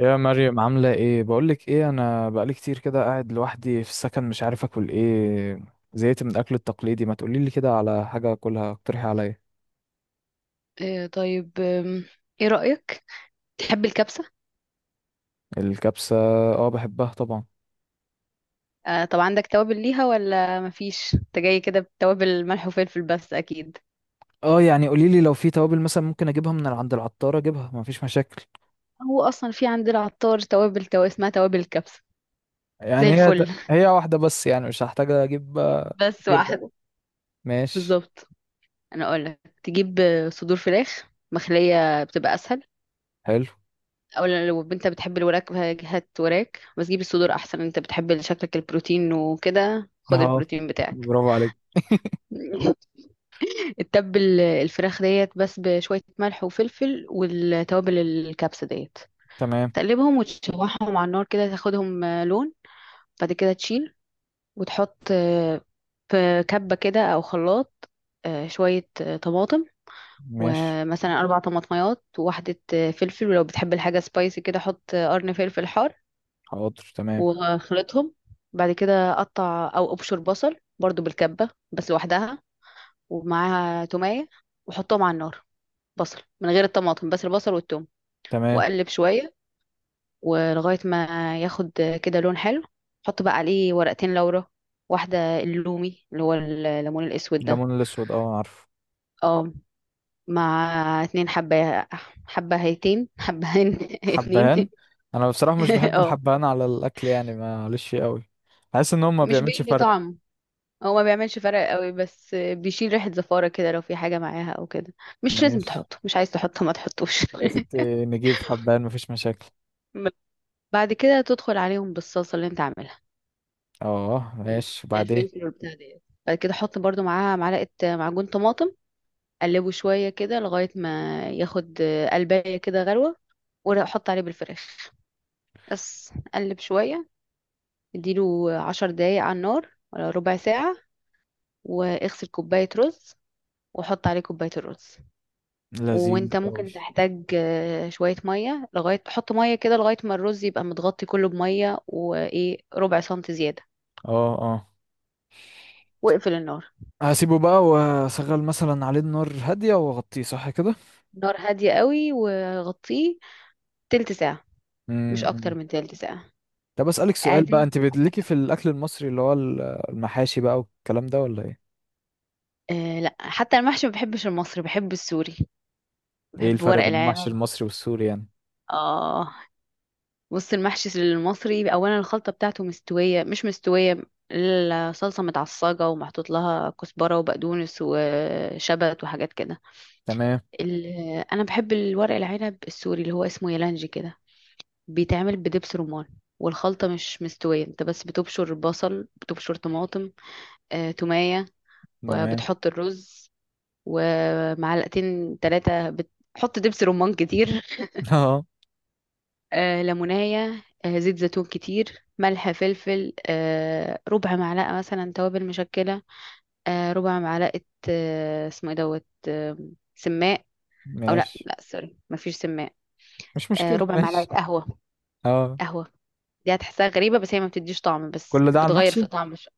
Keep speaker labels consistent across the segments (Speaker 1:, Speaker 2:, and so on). Speaker 1: يا مريم، عاملة ايه؟ بقولك ايه، انا بقالي كتير كده قاعد لوحدي في السكن، مش عارف اكل ايه. زهقت من الاكل التقليدي. ما تقوليلي كده على حاجة اكلها، اقترحي عليا.
Speaker 2: طيب ايه رأيك؟ تحب الكبسة؟
Speaker 1: الكبسة؟ اه بحبها طبعا.
Speaker 2: طب عندك توابل ليها ولا مفيش؟ انت جاي كده بتوابل ملح وفلفل بس اكيد.
Speaker 1: اه قوليلي لو في توابل مثلا ممكن اجيبها من عند العطارة، اجيبها، مفيش مشاكل.
Speaker 2: هو اصلا في عند العطار توابل اسمها توابل الكبسة، زي
Speaker 1: يعني
Speaker 2: الفل.
Speaker 1: هي واحدة بس؟ يعني مش هحتاج اجيب.
Speaker 2: بس
Speaker 1: كتير بقى.
Speaker 2: واحدة
Speaker 1: ماشي.
Speaker 2: بالظبط. انا اقول لك تجيب صدور فراخ مخلية، بتبقى اسهل
Speaker 1: حلو.
Speaker 2: اولا. لو انت بتحب الوراك، هات وراك، بس جيب الصدور احسن. انت بتحب شكلك البروتين وكده، خد
Speaker 1: اه.
Speaker 2: البروتين بتاعك.
Speaker 1: برافو عليك.
Speaker 2: تتبل الفراخ ديت بس بشوية ملح وفلفل والتوابل الكبسة ديت،
Speaker 1: تمام.
Speaker 2: تقلبهم وتشوحهم على النار كده تاخدهم لون. بعد كده تشيل وتحط في كبة كده أو خلاط، شوية طماطم.
Speaker 1: ماشي.
Speaker 2: ومثلا 4 طماطميات وواحدة فلفل. ولو بتحب الحاجة سبايسي كده، حط قرن فلفل حار
Speaker 1: حاضر. تمام.
Speaker 2: وخلطهم. بعد كده قطع أو أبشر بصل برضو بالكبة بس لوحدها، ومعاها تومية، وحطهم على النار. بصل من غير الطماطم، بس البصل والثوم،
Speaker 1: تمام.
Speaker 2: واقلب شويه، ولغايه ما ياخد كده لون حلو. حط بقى عليه ورقتين لورا، واحده اللومي اللي هو الليمون الاسود ده.
Speaker 1: الليمون الاسود، اه عارفه.
Speaker 2: اه. مع 2 حبه، حبهيتين حبهين. اتنين.
Speaker 1: حبهان؟ انا بصراحه مش بحب
Speaker 2: اه،
Speaker 1: الحبهان على الاكل، يعني معلش فيه قوي. بحس ان هو ما
Speaker 2: مش
Speaker 1: بيعملش
Speaker 2: بيدي
Speaker 1: فرق.
Speaker 2: طعم. هو ما بيعملش فرق قوي بس بيشيل ريحه زفاره كده لو في حاجه معاها او كده. مش لازم
Speaker 1: ماشي،
Speaker 2: تحطه، مش عايز تحطه ما تحطوش.
Speaker 1: يا ستي نجيب حبهان، مفيش مشاكل.
Speaker 2: بعد كده تدخل عليهم بالصلصه اللي انت عاملها،
Speaker 1: اه
Speaker 2: اللي
Speaker 1: ماشي،
Speaker 2: فيها
Speaker 1: وبعدين؟
Speaker 2: الفلفل والبتاع ديت. بعد كده احط برضو معاها معلقه معجون طماطم، اقلبه شويه كده لغايه ما ياخد قلبايه كده غلوه، واحط عليه بالفراخ. بس اقلب شويه، اديله 10 دقايق على النار ولا ربع ساعه. واغسل كوبايه رز، وحط عليه كوبايه الرز.
Speaker 1: لذيذ
Speaker 2: وانت
Speaker 1: قوي.
Speaker 2: ممكن تحتاج شويه ميه، لغايه حط ميه كده لغايه ما الرز يبقى متغطي كله بميه وايه، ربع سنتي زياده.
Speaker 1: اه اه.
Speaker 2: واقفل النار.
Speaker 1: هسيبه بقى واشغل مثلا عليه النار هاديه واغطيه، صح كده؟
Speaker 2: نار هاديه قوي وغطيه تلت ساعه، مش اكتر
Speaker 1: امم.
Speaker 2: من تلت ساعه.
Speaker 1: طب اسالك سؤال بقى،
Speaker 2: قاعدين.
Speaker 1: انت بتليكي في الاكل المصري اللي هو المحاشي بقى والكلام ده ولا ايه؟
Speaker 2: آه لا، حتى المحشي ما بحبش المصري، بحب السوري.
Speaker 1: ايه
Speaker 2: بحب
Speaker 1: الفرق
Speaker 2: ورق
Speaker 1: بين المحشي
Speaker 2: العنب.
Speaker 1: المصري والسوري يعني؟
Speaker 2: اه. بص، المحشي المصري اولا الخلطه بتاعته مستويه مش مستويه، الصلصه متعصجه ومحطوط لها كزبره وبقدونس وشبت وحاجات كده.
Speaker 1: تمام.
Speaker 2: ال- انا بحب الورق العنب السوري اللي هو اسمه يلانجي كده، بيتعمل بدبس رمان. والخلطة مش مستوية، انت بس بتبشر بصل، بتبشر طماطم، تومية،
Speaker 1: تمام.
Speaker 2: وبتحط الرز، ومعلقتين ثلاثة بتحط دبس رمان كتير.
Speaker 1: اه
Speaker 2: ليمونية، زيت زيتون كتير، ملح، فلفل، ربع معلقة مثلا توابل مشكلة، ربع معلقة، اسمه ايه دوت سماق. او لا،
Speaker 1: ماشي.
Speaker 2: لا، سوري مفيش سماق.
Speaker 1: مش مشكله
Speaker 2: ربع
Speaker 1: ماشي.
Speaker 2: معلقة قهوة.
Speaker 1: اه.
Speaker 2: قهوة دي هتحسها غريبة بس هي ما بتديش طعم، بس
Speaker 1: كل ده على
Speaker 2: بتغير
Speaker 1: المحشي؟
Speaker 2: في طعم.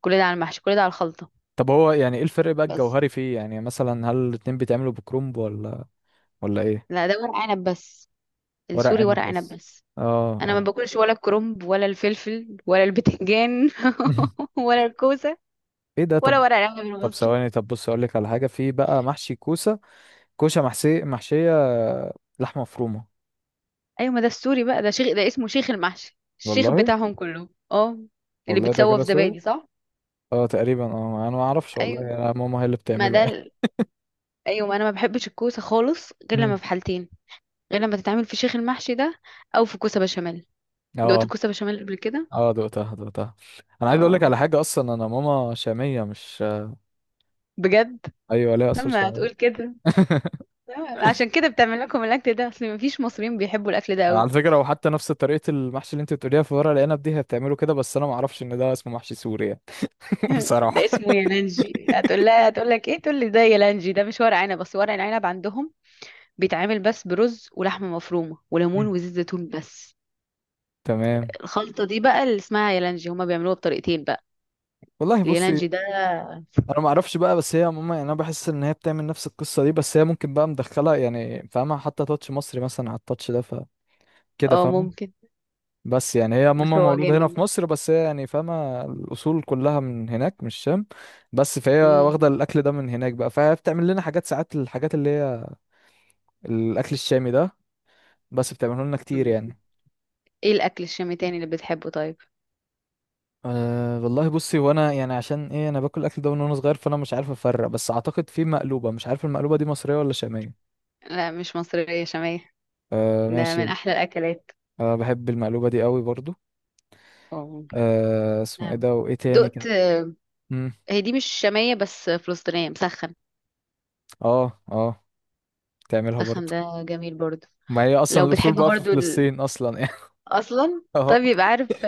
Speaker 2: كل ده على المحشي، كل ده على الخلطة.
Speaker 1: طب هو يعني ايه الفرق بقى
Speaker 2: بس
Speaker 1: الجوهري فيه؟ يعني مثلا هل الاتنين بيتعملوا بكرنب ولا ولا ايه؟
Speaker 2: لا، ده ورق عنب بس.
Speaker 1: ورق
Speaker 2: السوري ورق
Speaker 1: عنب
Speaker 2: عنب
Speaker 1: بس.
Speaker 2: بس.
Speaker 1: اه
Speaker 2: انا ما
Speaker 1: اه.
Speaker 2: باكلش ولا الكرنب ولا الفلفل ولا البتنجان. ولا الكوسه،
Speaker 1: ايه ده؟
Speaker 2: ولا
Speaker 1: طب،
Speaker 2: ورق العنب
Speaker 1: طب
Speaker 2: المصري.
Speaker 1: ثواني، طب بص اقول لك على حاجه، في بقى محشي كوسه، كوسه محشي، محشيه لحمه مفرومه.
Speaker 2: ايوه، ما ده السوري بقى. ده شيخ، ده اسمه شيخ المحشي، الشيخ
Speaker 1: والله.
Speaker 2: بتاعهم كله. اه. اللي
Speaker 1: والله ده
Speaker 2: بيتسوى
Speaker 1: كده
Speaker 2: في
Speaker 1: سوري.
Speaker 2: زبادي، صح؟
Speaker 1: اه تقريبا، اه انا ما اعرفش والله،
Speaker 2: ايوه،
Speaker 1: يعني انا ماما هي اللي
Speaker 2: ما
Speaker 1: بتعمله.
Speaker 2: ده ايوه، ما انا ما بحبش الكوسه خالص غير لما
Speaker 1: مم.
Speaker 2: في حالتين. غير لما تتعمل في شيخ المحشي ده، او في كوسه بشاميل. دقت
Speaker 1: اه
Speaker 2: الكوسه بشاميل قبل كده؟
Speaker 1: اه، دقتها دقتها. انا عايز اقول لك
Speaker 2: اه،
Speaker 1: على حاجه، اصلا انا ماما شاميه مش.
Speaker 2: بجد.
Speaker 1: ايوه، ليها اصل
Speaker 2: لما
Speaker 1: شاميه.
Speaker 2: هتقول كده، عشان كده بتعمل لكم الاكل ده، اصل ما فيش مصريين بيحبوا الاكل ده
Speaker 1: انا
Speaker 2: قوي.
Speaker 1: على فكره، وحتى نفس طريقه المحشي اللي انت بتقوليها في ورق العنب دي، هي بتعمله كده، بس انا ما اعرفش ان ده اسمه محشي سوري يعني.
Speaker 2: ده
Speaker 1: بصراحه.
Speaker 2: اسمه يالانجي. هتقول لها هتقول لك ايه؟ تقول لي ده يالانجي، ده مش ورق عنب. بس ورق العنب عندهم بيتعمل بس برز ولحمه مفرومه وليمون
Speaker 1: مم.
Speaker 2: وزيت زيتون بس.
Speaker 1: تمام.
Speaker 2: الخلطه دي بقى اللي اسمها يالانجي، هما بيعملوها بطريقتين بقى،
Speaker 1: والله بصي،
Speaker 2: اليالانجي ده.
Speaker 1: انا ما اعرفش بقى، بس هي ماما، يعني انا بحس ان هي بتعمل نفس القصه دي، بس هي ممكن بقى مدخله، يعني فاهمه، حتى تاتش مصري مثلا على التاتش ده، فكده.
Speaker 2: اه
Speaker 1: فاهمه.
Speaker 2: ممكن.
Speaker 1: بس يعني هي
Speaker 2: بس
Speaker 1: ماما
Speaker 2: هو
Speaker 1: مولوده هنا
Speaker 2: جامد
Speaker 1: في
Speaker 2: ده.
Speaker 1: مصر، بس هي يعني فاهمه الاصول كلها من هناك من الشام. بس فهي واخده
Speaker 2: مم.
Speaker 1: الاكل ده من هناك بقى، فهي بتعمل لنا حاجات ساعات، الحاجات اللي هي الاكل الشامي ده. بس بتعمله لنا كتير
Speaker 2: طب
Speaker 1: يعني.
Speaker 2: ايه الاكل الشامي تاني اللي بتحبه؟ طيب.
Speaker 1: أه والله بصي، وانا يعني عشان ايه، انا باكل الاكل ده من وانا صغير، فانا مش عارف افرق. بس اعتقد في مقلوبه، مش عارف المقلوبه دي مصريه ولا شاميه؟
Speaker 2: لا، مش مصريه، شاميه.
Speaker 1: أه
Speaker 2: ده من
Speaker 1: ماشي.
Speaker 2: احلى الاكلات.
Speaker 1: أه بحب المقلوبه دي قوي برضو.
Speaker 2: اه ممكن.
Speaker 1: أه اسمه ايه
Speaker 2: نعم.
Speaker 1: ده، وايه تاني كده؟
Speaker 2: دقت
Speaker 1: امم.
Speaker 2: هي دي مش شاميه بس فلسطينيه، مسخن.
Speaker 1: اه اه. بتعملها
Speaker 2: مسخن
Speaker 1: برضو.
Speaker 2: ده جميل برضه.
Speaker 1: ما هي اصلا
Speaker 2: لو
Speaker 1: الاصول
Speaker 2: بتحب
Speaker 1: بقى في
Speaker 2: برضو
Speaker 1: فلسطين اصلا يعني.
Speaker 2: اصلا
Speaker 1: اه
Speaker 2: طب يبقى عارف،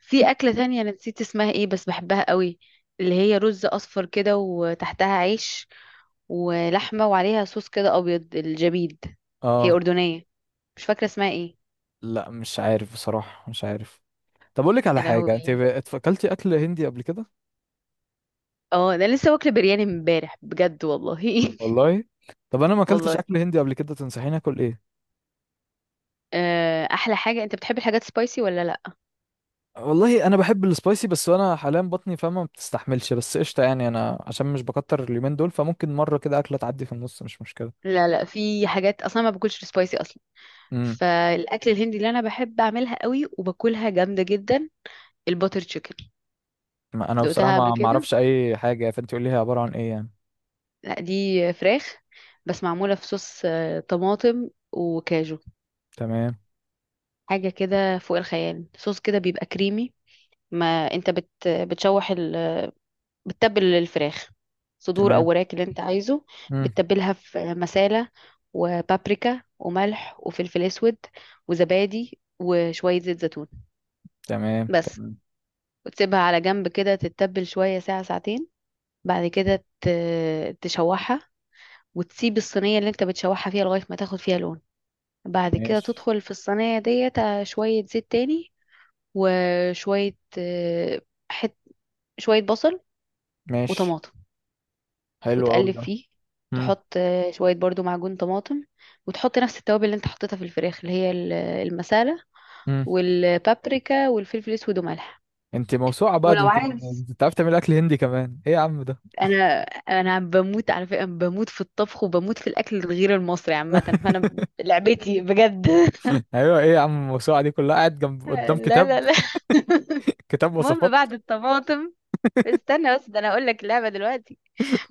Speaker 2: في اكله تانية انا نسيت اسمها ايه بس بحبها قوي، اللي هي رز اصفر كده وتحتها عيش ولحمه، وعليها صوص كده ابيض، الجبيد. هي
Speaker 1: اه.
Speaker 2: اردنيه، مش فاكره اسمها ايه.
Speaker 1: لا مش عارف بصراحه، مش عارف. طب اقول لك على
Speaker 2: يا
Speaker 1: حاجه،
Speaker 2: لهوي!
Speaker 1: اكلتي اكل هندي قبل كده؟
Speaker 2: اه، ده أنا لسه واكله برياني امبارح بجد والله.
Speaker 1: والله. طب انا ما اكلتش
Speaker 2: والله.
Speaker 1: اكل هندي قبل كده، تنصحيني اكل ايه؟
Speaker 2: احلى حاجه، انت بتحب الحاجات سبايسي ولا لا؟
Speaker 1: والله انا بحب السبايسي، بس انا حاليا بطني فاهمه ما بتستحملش، بس قشطه، يعني انا عشان مش بكتر اليومين دول، فممكن مره كده اكله تعدي في النص، مش مشكله.
Speaker 2: لا، لا، في حاجات اصلا ما باكلش سبايسي اصلا.
Speaker 1: امم.
Speaker 2: فالاكل الهندي اللي انا بحب اعملها قوي وباكلها جامده جدا، الباتر تشيكن.
Speaker 1: ما انا بصراحه
Speaker 2: دقتها قبل
Speaker 1: ما
Speaker 2: كده؟
Speaker 1: اعرفش اي حاجه، فانت قولي لي هي عباره عن ايه يعني؟
Speaker 2: لا، دي فراخ بس معمولة في صوص طماطم وكاجو،
Speaker 1: تمام.
Speaker 2: حاجة كده فوق الخيال. صوص كده بيبقى كريمي. ما انت بتشوح بتتبل الفراخ صدور او
Speaker 1: تمام.
Speaker 2: وراك اللي انت عايزه.
Speaker 1: امم.
Speaker 2: بتتبلها في مسالة وبابريكا وملح وفلفل اسود وزبادي وشوية زيت زيتون
Speaker 1: تمام.
Speaker 2: بس.
Speaker 1: تمام.
Speaker 2: وتسيبها على جنب كده تتبل شوية، ساعة ساعتين. بعد كده تشوحها، وتسيب الصينية اللي انت بتشوحها فيها لغاية ما تاخد فيها لون. بعد كده
Speaker 1: ماشي.
Speaker 2: تدخل في الصينية ديت شوية زيت تاني، وشوية حت شوية بصل
Speaker 1: ماشي.
Speaker 2: وطماطم،
Speaker 1: حلو قوي
Speaker 2: وتقلب
Speaker 1: ده.
Speaker 2: فيه.
Speaker 1: امم.
Speaker 2: تحط شوية برضو معجون طماطم، وتحط نفس التوابل اللي انت حطيتها في الفراخ، اللي هي المسالة
Speaker 1: امم.
Speaker 2: والبابريكا والفلفل الأسود وملح.
Speaker 1: انت موسوعه بقى ده
Speaker 2: ولو
Speaker 1: انت.
Speaker 2: عايز،
Speaker 1: انت عارف تعمل اكل هندي كمان؟ ايه يا عم ده؟
Speaker 2: انا انا بموت على فكره، بموت في الطبخ وبموت في الاكل الغير المصري عامه، فانا لعبتي بجد.
Speaker 1: ايوه، ايه يا عم الموسوعه دي كلها، قاعد جنب
Speaker 2: لا،
Speaker 1: قدام كتاب؟
Speaker 2: لا، لا.
Speaker 1: كتاب
Speaker 2: المهم
Speaker 1: وصفات.
Speaker 2: بعد الطماطم، استنى بس، ده انا هقول لك اللعبه دلوقتي.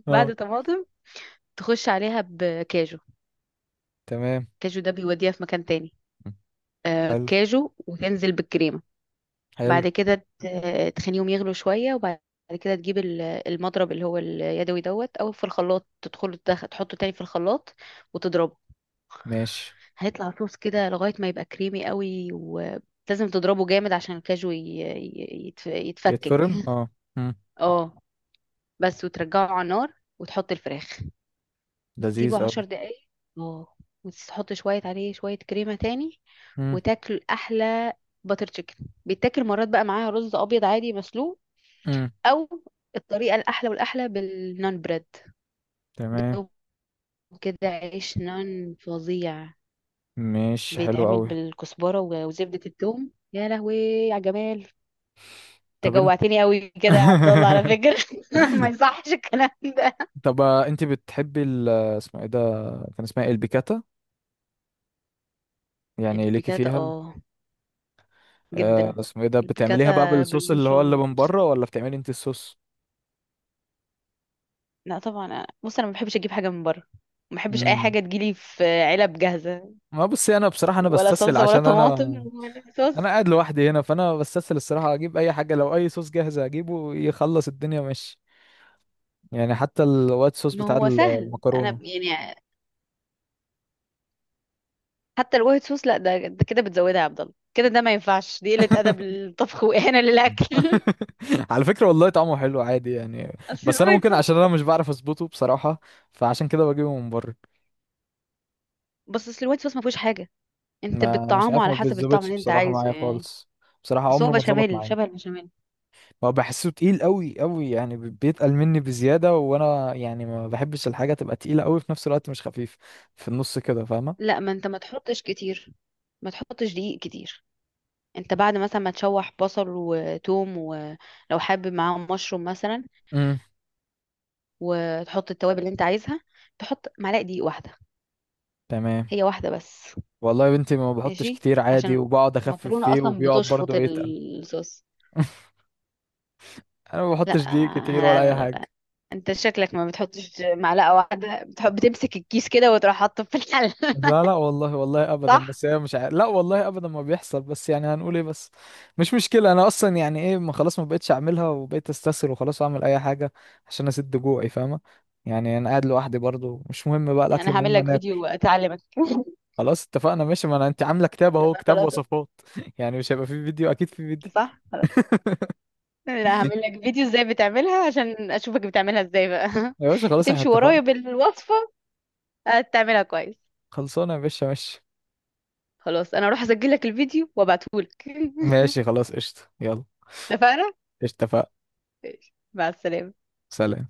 Speaker 1: اه.
Speaker 2: بعد طماطم تخش عليها بكاجو.
Speaker 1: تمام.
Speaker 2: كاجو ده بيوديها في مكان تاني. آه،
Speaker 1: حلو.
Speaker 2: كاجو، وتنزل بالكريمه.
Speaker 1: حلو.
Speaker 2: بعد كده تخليهم يغلوا شويه، وبعد كده تجيب المضرب اللي هو اليدوي، دوت، او في الخلاط. تدخله تحطه تاني في الخلاط، وتضربه.
Speaker 1: ماشي.
Speaker 2: هيطلع صوص كده لغايه ما يبقى كريمي قوي. ولازم تضربه جامد عشان الكاجو يتفكك.
Speaker 1: يتفرم اه. مم.
Speaker 2: اه، بس. وترجعه على النار وتحط الفراخ،
Speaker 1: لذيذ
Speaker 2: سيبه
Speaker 1: قوي.
Speaker 2: 10 دقايق. اه. وتحط شوية عليه، شوية كريمة تاني،
Speaker 1: مم.
Speaker 2: وتاكل أحلى باتر تشيكن. بيتاكل مرات بقى معاها رز أبيض عادي مسلوق،
Speaker 1: مم.
Speaker 2: أو الطريقة الأحلى والأحلى بالنان بريد.
Speaker 1: تمام.
Speaker 2: دوب كده عيش نان فظيع،
Speaker 1: ماشي. حلو
Speaker 2: بيتعمل
Speaker 1: قوي.
Speaker 2: بالكزبرة وزبدة الثوم. يا لهوي! يا جمال!
Speaker 1: طب انت.
Speaker 2: تجوعتني قوي كده يا عبد الله، على فكرة. ما يصحش الكلام ده.
Speaker 1: طب، انت بتحبي ال، اسمه ايه ده؟ كان اسمها إيه؟ البيكاتا. يعني ليكي
Speaker 2: البيكاتا،
Speaker 1: فيها.
Speaker 2: اه، جدا،
Speaker 1: اسمه ايه ده،
Speaker 2: البيكاتا
Speaker 1: بتعمليها بقى بالصوص اللي هو اللي
Speaker 2: بالمشروم.
Speaker 1: من بره، ولا بتعملي انت الصوص؟
Speaker 2: لا طبعا، بص انا ما بحبش اجيب حاجه من بره، ما بحبش اي
Speaker 1: امم.
Speaker 2: حاجه تجيلي في علب جاهزه،
Speaker 1: ما بصي انا بصراحه انا
Speaker 2: ولا
Speaker 1: بستسهل،
Speaker 2: صلصه ولا
Speaker 1: عشان
Speaker 2: طماطم
Speaker 1: انا،
Speaker 2: ولا
Speaker 1: انا
Speaker 2: صوص.
Speaker 1: قاعد لوحدي هنا، فانا بستسهل الصراحه اجيب اي حاجه، لو اي صوص جاهز اجيبه يخلص الدنيا ماشي. يعني حتى الوايت صوص
Speaker 2: ما
Speaker 1: بتاع
Speaker 2: هو سهل. انا
Speaker 1: المكرونه.
Speaker 2: يعني، حتى الوايت صوص، لا، ده كده بتزودها يا عبد الله. كده ده ما ينفعش، دي قله ادب للطبخ واهانه للاكل.
Speaker 1: على فكرة والله طعمه حلو عادي يعني،
Speaker 2: اصل
Speaker 1: بس انا
Speaker 2: الوايت
Speaker 1: ممكن
Speaker 2: صوص،
Speaker 1: عشان انا مش بعرف اظبطه بصراحة، فعشان كده بجيبه من بره.
Speaker 2: بس اصل الوايت صوص ما فيهوش حاجه. انت
Speaker 1: ما مش
Speaker 2: بتطعمه
Speaker 1: عارف، ما
Speaker 2: على حسب الطعم
Speaker 1: بيتظبطش
Speaker 2: اللي انت
Speaker 1: بصراحة
Speaker 2: عايزه
Speaker 1: معايا
Speaker 2: يعني.
Speaker 1: خالص. بصراحة
Speaker 2: بس هو
Speaker 1: عمره ما اتظبط
Speaker 2: بشاميل،
Speaker 1: معايا.
Speaker 2: شبه البشاميل.
Speaker 1: ما بحسه تقيل قوي قوي يعني، بيتقل مني بزيادة، وانا يعني ما بحبش الحاجة تبقى تقيلة قوي، في نفس الوقت مش خفيف، في النص كده، فاهمة؟
Speaker 2: لا، ما انت ما تحطش كتير، ما تحطش دقيق كتير. انت بعد مثلا ما تشوح بصل وتوم، ولو حابب معاهم مشروم مثلا،
Speaker 1: امم.
Speaker 2: وتحط التوابل اللي انت عايزها، تحط معلقه دقيق واحده.
Speaker 1: تمام.
Speaker 2: هي واحده بس.
Speaker 1: والله يا بنتي ما بحطش
Speaker 2: ماشي،
Speaker 1: كتير عادي،
Speaker 2: عشان
Speaker 1: وبقعد اخفف
Speaker 2: المكرونه
Speaker 1: فيه،
Speaker 2: اصلا
Speaker 1: وبيقعد
Speaker 2: بتشفط
Speaker 1: برضه يتقل.
Speaker 2: الصوص.
Speaker 1: انا ما
Speaker 2: لا،
Speaker 1: بحطش دي كتير ولا
Speaker 2: لا،
Speaker 1: اي
Speaker 2: لا،
Speaker 1: حاجة.
Speaker 2: لا، انت شكلك ما بتحطش معلقه واحده، بتحب بتمسك الكيس كده وتروح حاطه في الحله.
Speaker 1: لا لا والله، والله ابدا،
Speaker 2: صح.
Speaker 1: بس هي مش عارف، لا والله ابدا ما بيحصل، بس يعني هنقول ايه بس. مش مشكله، انا اصلا يعني ايه، ما خلاص ما بقتش اعملها وبقيت استسهل، وخلاص اعمل اي حاجه عشان اسد جوعي، فاهمه؟ يعني انا قاعد لوحدي برضو، مش مهم بقى
Speaker 2: يعني
Speaker 1: الاكل،
Speaker 2: انا هعمل
Speaker 1: المهم
Speaker 2: لك
Speaker 1: انا اكل.
Speaker 2: فيديو اعلمك.
Speaker 1: خلاص اتفقنا، ماشي، ما انا انت عامله كتاب، اهو
Speaker 2: لا،
Speaker 1: كتاب
Speaker 2: خلاص.
Speaker 1: وصفات. يعني مش هيبقى فيه فيديو؟ اكيد فيه فيديو.
Speaker 2: صح، لا هعمل لك فيديو ازاي بتعملها، عشان اشوفك بتعملها ازاي بقى.
Speaker 1: يا باشا خلاص احنا
Speaker 2: هتمشي
Speaker 1: اتفقنا.
Speaker 2: ورايا بالوصفة، هتعملها كويس.
Speaker 1: خلصانه يا باشا، ماشي.
Speaker 2: خلاص، انا اروح اسجل لك الفيديو وابعتهولك.
Speaker 1: ماشي خلاص، قشطه، يلا.
Speaker 2: اتفقنا.
Speaker 1: قشطة، اتفقنا.
Speaker 2: ماشي، مع السلامة.
Speaker 1: سلام.